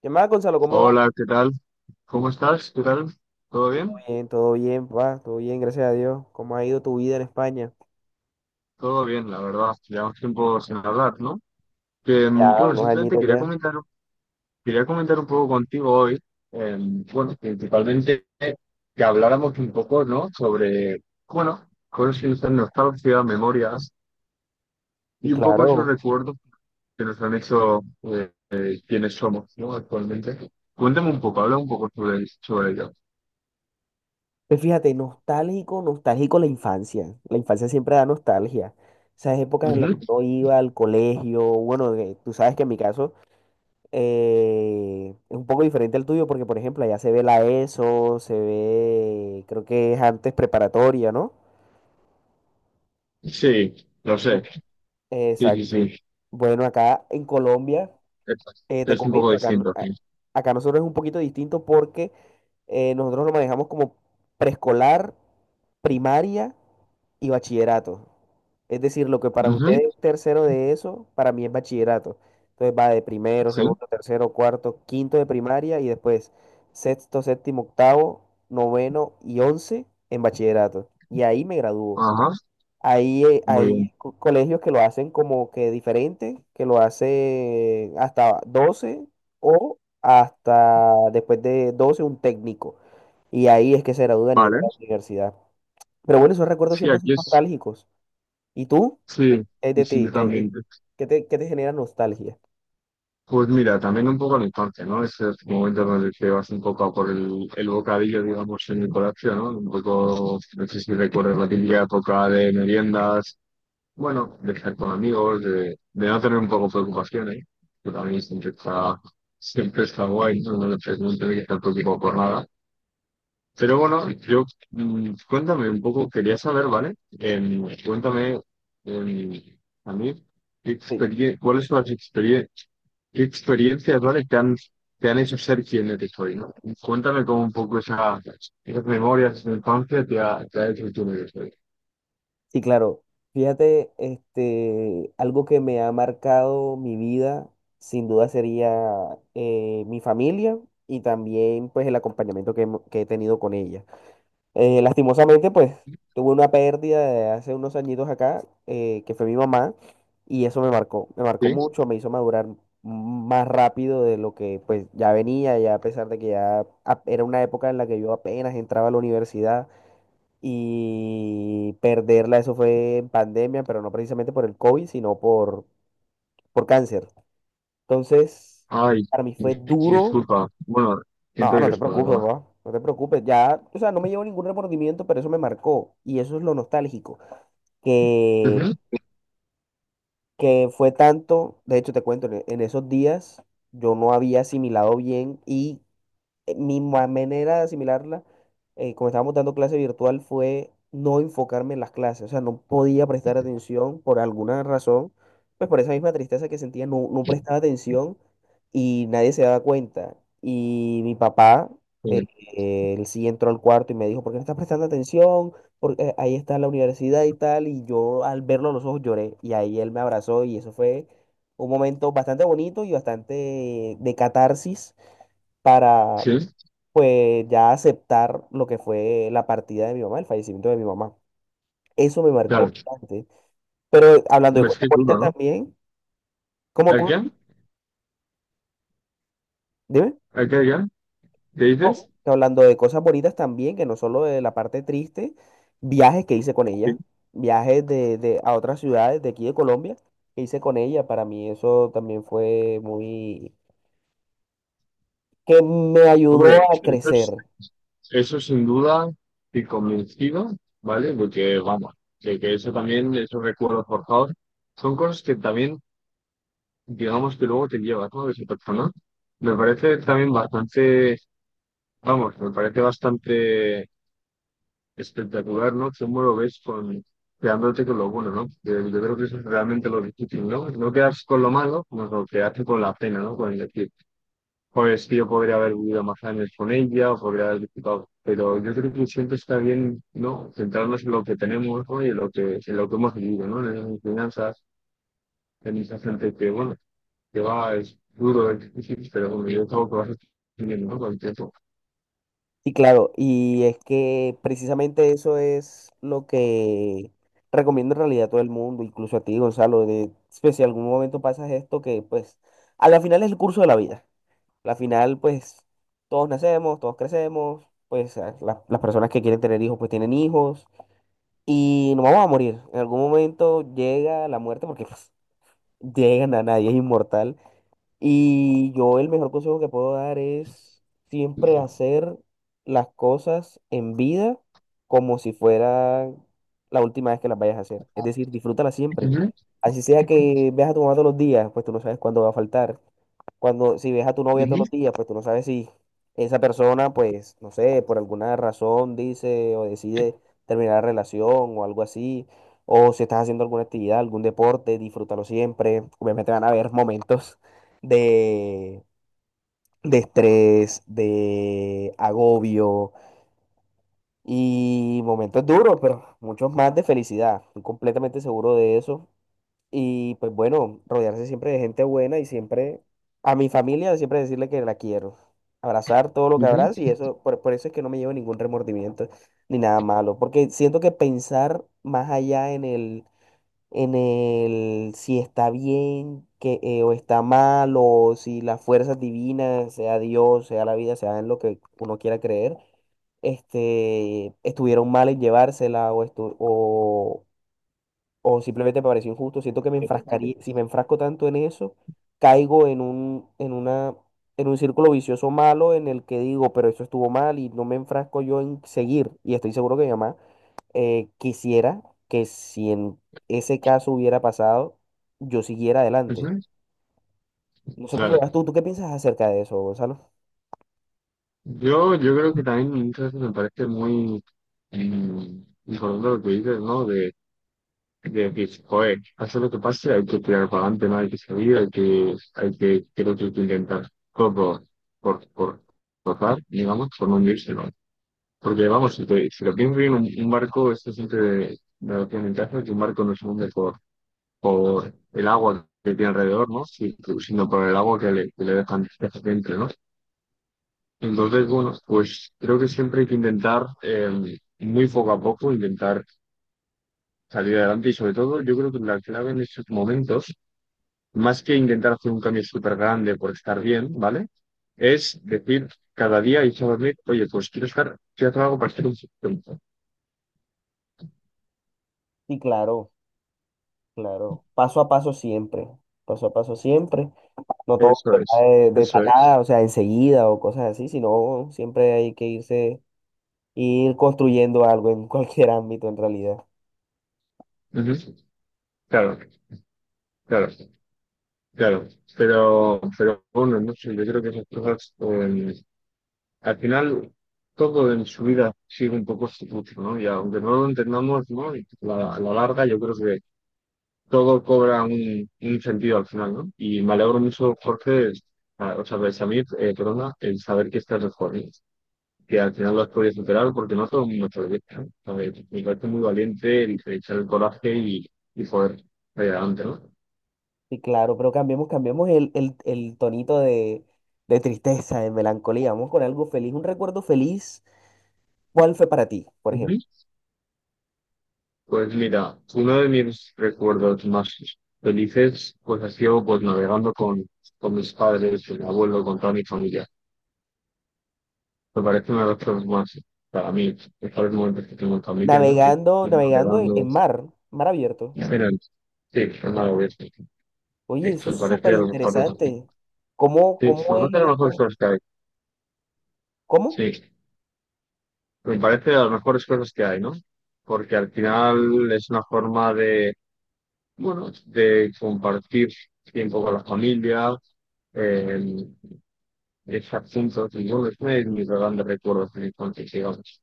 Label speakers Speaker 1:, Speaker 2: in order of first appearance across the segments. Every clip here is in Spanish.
Speaker 1: ¿Qué más, Gonzalo? ¿Cómo va?
Speaker 2: Hola, ¿qué tal? ¿Cómo estás? ¿Qué tal? ¿Todo bien?
Speaker 1: Todo bien, papá, todo bien, gracias a Dios. ¿Cómo ha ido tu vida en España?
Speaker 2: Todo bien, la verdad. Llevamos tiempo sin hablar, ¿no?
Speaker 1: Sí,
Speaker 2: Que, mm,
Speaker 1: ya,
Speaker 2: bueno,
Speaker 1: unos
Speaker 2: simplemente
Speaker 1: añitos ya.
Speaker 2: quería comentar un poco contigo hoy, eh, bueno, principalmente que habláramos un poco, ¿no? Sobre, bueno, cosas que nos dan nostalgia, memorias
Speaker 1: Sí,
Speaker 2: y un poco esos
Speaker 1: claro.
Speaker 2: recuerdos que nos han hecho quienes somos, ¿no? Actualmente. Cuéntame un poco, habla un poco sobre ello.
Speaker 1: Pues fíjate, nostálgico, nostálgico la infancia. La infancia siempre da nostalgia. Esas épocas en las que
Speaker 2: Ujú.
Speaker 1: uno iba al colegio, bueno, tú sabes que en mi caso es un poco diferente al tuyo porque, por ejemplo, allá se ve la ESO, se ve, creo que es antes preparatoria, ¿no?
Speaker 2: Sí, lo sé.
Speaker 1: Bu-
Speaker 2: Sí, sí,
Speaker 1: Exacto.
Speaker 2: sí.
Speaker 1: Bueno, acá en Colombia.
Speaker 2: Es,
Speaker 1: Te
Speaker 2: es un poco
Speaker 1: comento, acá,
Speaker 2: distinto, sí.
Speaker 1: acá nosotros es un poquito distinto porque nosotros lo manejamos como preescolar, primaria y bachillerato. Es decir, lo que para
Speaker 2: Ujú,
Speaker 1: ustedes es tercero de eso, para mí es bachillerato. Entonces va de primero,
Speaker 2: sí,
Speaker 1: segundo, tercero, cuarto, quinto de primaria y después sexto, séptimo, octavo, noveno y once en bachillerato. Y ahí me gradúo.
Speaker 2: ajá,
Speaker 1: Hay,
Speaker 2: muy bien.
Speaker 1: hay colegios que lo hacen como que diferente, que lo hacen hasta 12 o hasta después de 12 un técnico. Y ahí es que se gradúan y
Speaker 2: Vale,
Speaker 1: entran a la universidad. Pero bueno, esos recuerdos
Speaker 2: sí,
Speaker 1: siempre
Speaker 2: aquí
Speaker 1: son
Speaker 2: es,
Speaker 1: nostálgicos. ¿Y tú?
Speaker 2: sí,
Speaker 1: ¿Qué hay
Speaker 2: y
Speaker 1: de
Speaker 2: sí,
Speaker 1: ti?
Speaker 2: yo
Speaker 1: ¿Qué hay
Speaker 2: también.
Speaker 1: qué qué te genera nostalgia?
Speaker 2: Pues mira, también un poco en la infancia, ¿no? Ese es el momento en el que vas un poco a por el bocadillo, digamos, en el colegio, ¿no? Un poco, no sé si recuerdas la típica época de meriendas, bueno, de estar con amigos, de no tener un poco preocupaciones, que también siempre está guay, ¿no? No tener que estar preocupado por nada. Pero bueno, cuéntame un poco, quería saber, ¿vale? Cuéntame em, a mí qué experie- cuáles son las experie- qué experiencias, ¿vale? Te han hecho ser quien eres hoy, ¿no? Cuéntame como un poco esas memorias de tu infancia te ha hecho quien eres hoy.
Speaker 1: Sí, claro. Fíjate, este, algo que me ha marcado mi vida, sin duda sería mi familia y también pues el acompañamiento que, que he tenido con ella. Lastimosamente, pues tuve una pérdida de hace unos añitos acá, que fue mi mamá, y eso me marcó
Speaker 2: ¿Sí?
Speaker 1: mucho, me hizo madurar más rápido de lo que pues ya venía, ya a pesar de que era una época en la que yo apenas entraba a la universidad y perderla, eso fue en pandemia, pero no precisamente por el COVID, sino por cáncer. Entonces,
Speaker 2: Ay,
Speaker 1: para mí fue duro.
Speaker 2: disculpa. Bueno,
Speaker 1: No,
Speaker 2: siento
Speaker 1: no
Speaker 2: que
Speaker 1: te
Speaker 2: es la
Speaker 1: preocupes,
Speaker 2: verdad.
Speaker 1: papá, no te preocupes. Ya, o sea, no me llevo ningún remordimiento, pero eso me marcó. Y eso es lo nostálgico, que,
Speaker 2: Ujú.
Speaker 1: que fue tanto, de hecho te cuento, en esos días yo no había asimilado bien y manera de asimilarla, como estábamos dando clase virtual, fue no enfocarme en las clases, o sea, no podía prestar atención por alguna razón, pues por esa misma tristeza que sentía, no, no prestaba atención y nadie se daba cuenta. Y mi papá, eh, él sí entró al cuarto y me dijo, ¿por qué no estás prestando atención? Porque ahí está la universidad y tal, y yo al verlo a los ojos lloré, y ahí él me abrazó y eso fue un momento bastante bonito y bastante de catarsis para
Speaker 2: Sí, sí,
Speaker 1: pues ya aceptar lo que fue la partida de mi mamá, el fallecimiento de mi mamá. Eso me marcó
Speaker 2: claro.
Speaker 1: bastante. Pero hablando de
Speaker 2: Me
Speaker 1: cosas
Speaker 2: estoy
Speaker 1: bonitas
Speaker 2: duro,
Speaker 1: también,
Speaker 2: ¿no?
Speaker 1: ¿cómo,
Speaker 2: ¿A qué?
Speaker 1: cómo?
Speaker 2: ¿A
Speaker 1: Dime.
Speaker 2: qué? ¿A qué? ¿Qué
Speaker 1: ¿Cómo?
Speaker 2: dices?
Speaker 1: Que hablando de cosas bonitas también, que no solo de la parte triste, viajes que hice con
Speaker 2: Sí.
Speaker 1: ella, viajes de, a otras ciudades de aquí de Colombia que hice con ella, para mí eso también fue muy, que me ayudó
Speaker 2: Hombre,
Speaker 1: a
Speaker 2: eso es
Speaker 1: crecer.
Speaker 2: Eso sin duda, estoy convencido, ¿vale? Porque vamos, de que eso también, esos recuerdos forjados, son cosas que también, digamos que luego te llevas, ¿no? De esa persona. Me parece también bastante, vamos, me parece bastante espectacular, ¿no? Cómo lo ves con, quedándote con lo bueno, ¿no? Porque yo creo que eso es realmente lo difícil, ¿no? No quedas con lo malo, sino lo que hace con la pena, ¿no? Con el pues que yo podría haber vivido más años con ella, o podría haber disfrutado, pero yo creo que siempre está bien, ¿no? Centrarnos en lo que tenemos, ¿no? Y en lo que hemos vivido, ¿no? En las enseñanzas, en esa gente que, bueno, que va, es duro, es difícil, pero bueno, yo creo que vas aprendiendo, ¿no? Con el tiempo.
Speaker 1: Sí, claro, y es que precisamente eso es lo que recomiendo en realidad a todo el mundo, incluso a ti, Gonzalo, de pues, si algún momento pasas esto, que pues a la final es el curso de la vida. A la final, pues todos nacemos, todos crecemos, pues las personas que quieren tener hijos, pues tienen hijos, y nos vamos a morir. En algún momento llega la muerte, porque pues, llegan a nadie, es inmortal. Y yo el mejor consejo que puedo dar es siempre
Speaker 2: Ujú,
Speaker 1: hacer las cosas en vida como si fuera la última vez que las vayas a hacer. Es decir, disfrútala siempre.
Speaker 2: ujú,
Speaker 1: Así sea que veas a tu mamá todos los días, pues tú no sabes cuándo va a faltar. Cuando, si ves a tu novia todos los días, pues tú no sabes si esa persona, pues, no sé, por alguna razón dice o decide terminar la relación o algo así, o si estás haciendo alguna actividad, algún deporte, disfrútalo siempre. Obviamente van a haber momentos de, de estrés, de agobio y momentos duros, pero muchos más de felicidad. Estoy completamente seguro de eso. Y pues bueno, rodearse siempre de gente buena y siempre a mi familia siempre decirle que la quiero. Abrazar todo lo que abrazo y
Speaker 2: ujú.
Speaker 1: eso, por eso es que no me llevo ningún remordimiento ni nada malo, porque siento que pensar más allá en el si está bien que, o está mal o si las fuerzas divinas, sea Dios, sea la vida, sea en lo que uno quiera creer, este, estuvieron mal en llevársela o, estu- o simplemente me pareció injusto. Siento que me enfrascaría, si me enfrasco tanto en eso, caigo en un círculo vicioso malo en el que digo, pero eso estuvo mal y no me enfrasco yo en seguir. Y estoy seguro que mi mamá quisiera que si en ese caso hubiera pasado, yo siguiera
Speaker 2: Eso
Speaker 1: adelante.
Speaker 2: es.
Speaker 1: No sé cómo lo
Speaker 2: Claro.
Speaker 1: ves tú, ¿tú qué piensas acerca de eso, Gonzalo?
Speaker 2: Yo creo que también muchas veces me parece muy importante lo que dices, ¿no? De que, joder, pase lo que pase, hay que tirar para adelante, no hay que salir, creo que hay que intentar todo por, por, tratar, digamos, por no hundirse, ¿no? Porque, vamos, si lo piensas bien, un barco, esto siempre da la ventaja que un barco no se hunde por el agua que tiene alrededor, ¿no? Sino por el agua que le dejan dentro, ¿no? Entonces, bueno, pues creo que siempre hay que intentar, muy poco a poco, intentar salir adelante, y sobre todo yo creo que la clave en estos momentos más que intentar hacer un cambio súper grande por estar bien, ¿vale? Es decir, cada día irse a dormir, oye, pues quiero hacer algo para estar un poquito.
Speaker 1: Sí, claro, claro. Paso a paso siempre, paso a paso siempre. No todo se
Speaker 2: Eso
Speaker 1: da
Speaker 2: es,
Speaker 1: de
Speaker 2: eso es.
Speaker 1: tacada, o sea, enseguida o cosas así, sino siempre hay que irse, ir construyendo algo en cualquier ámbito en realidad.
Speaker 2: Ujú. Claro, claro, claro. Pero bueno, no sé, yo creo que esas cosas, al final, todo en su vida sigue un poco su curso, ¿no? Y aunque no lo entendamos, ¿no? Y a la larga, yo creo que todo cobra un sentido al final, ¿no? Y me alegro mucho, Jorge, o sea, pues, a mí, perdona, el saber que estás mejor, ¿no? Que al final lo has podido superar, porque no todo el mundo te lo dice, ¿no? A ver, me parece muy valiente el echar el coraje y poder salir adelante, ¿no?
Speaker 1: Sí, claro, pero cambiemos, cambiemos el tonito de tristeza, de melancolía. Vamos con algo feliz, un recuerdo feliz. ¿Cuál fue para ti, por
Speaker 2: Ujú.
Speaker 1: ejemplo?
Speaker 2: Pues mira, uno de mis recuerdos más felices, pues ha sido pues navegando con mis padres, con mi abuelo, con toda mi familia. Me parece una de las cosas más, para mí, mejores momentos que tengo en familia, ¿no? Que-
Speaker 1: Navegando,
Speaker 2: que
Speaker 1: navegando
Speaker 2: navegando.
Speaker 1: en mar, mar abierto.
Speaker 2: Aynen. Şey, onlar oluyor. Sí,
Speaker 1: Oye,
Speaker 2: me
Speaker 1: eso es
Speaker 2: parece
Speaker 1: súper
Speaker 2: a lo mejor. Sí,
Speaker 1: interesante. ¿Cómo,
Speaker 2: me parece
Speaker 1: cómo es?
Speaker 2: de las mejores
Speaker 1: ¿Cómo?
Speaker 2: cosas que hay.
Speaker 1: ¿Cómo?
Speaker 2: Sí, me parece de las mejores cosas que hay, ¿no? Porque al final es una forma de, bueno, de compartir tiempo con la familia, eh, estar juntos, y bueno, es una de mis grandes recuerdos de mi infancia, digamos.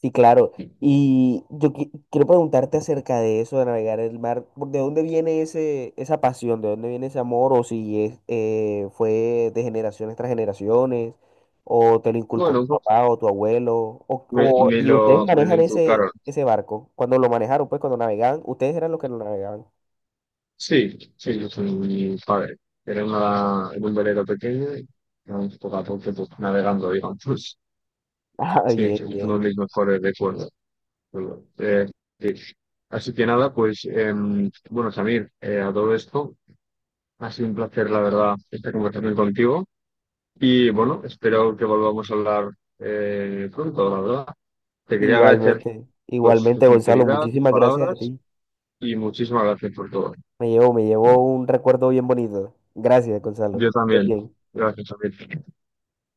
Speaker 1: Sí, claro. Y yo quiero preguntarte acerca de eso, de navegar el mar. ¿De dónde viene ese, esa pasión? ¿De dónde viene ese amor? ¿O si es, fue de generaciones tras generaciones? ¿O te lo inculcó
Speaker 2: Bueno, un
Speaker 1: tu
Speaker 2: poco
Speaker 1: papá o tu abuelo?
Speaker 2: me
Speaker 1: ¿Y ustedes
Speaker 2: lo, me lo
Speaker 1: manejan ese,
Speaker 2: inculcaron.
Speaker 1: ese barco? Cuando lo manejaron, pues cuando navegaban, ustedes eran los que lo navegaban.
Speaker 2: Sí, sí, yo soy mi padre. Era en un velero pequeño y vamos poco a poco pues, navegando, digamos.
Speaker 1: Ah,
Speaker 2: Sí,
Speaker 1: bien,
Speaker 2: es uno
Speaker 1: bien.
Speaker 2: de mis mejores recuerdos. Bueno, sí. Así que nada, pues bueno, Samir, a todo esto, ha sido un placer, la verdad, esta conversación contigo. Y bueno, espero que volvamos a hablar pronto, la verdad. Te quería agradecer
Speaker 1: Igualmente,
Speaker 2: pues tu
Speaker 1: igualmente, Gonzalo.
Speaker 2: sinceridad, tus
Speaker 1: Muchísimas gracias a
Speaker 2: palabras
Speaker 1: ti.
Speaker 2: y muchísimas gracias por todo.
Speaker 1: Me llevo un recuerdo bien bonito. Gracias, Gonzalo.
Speaker 2: Yo
Speaker 1: Estés
Speaker 2: también.
Speaker 1: bien.
Speaker 2: Gracias, Samir.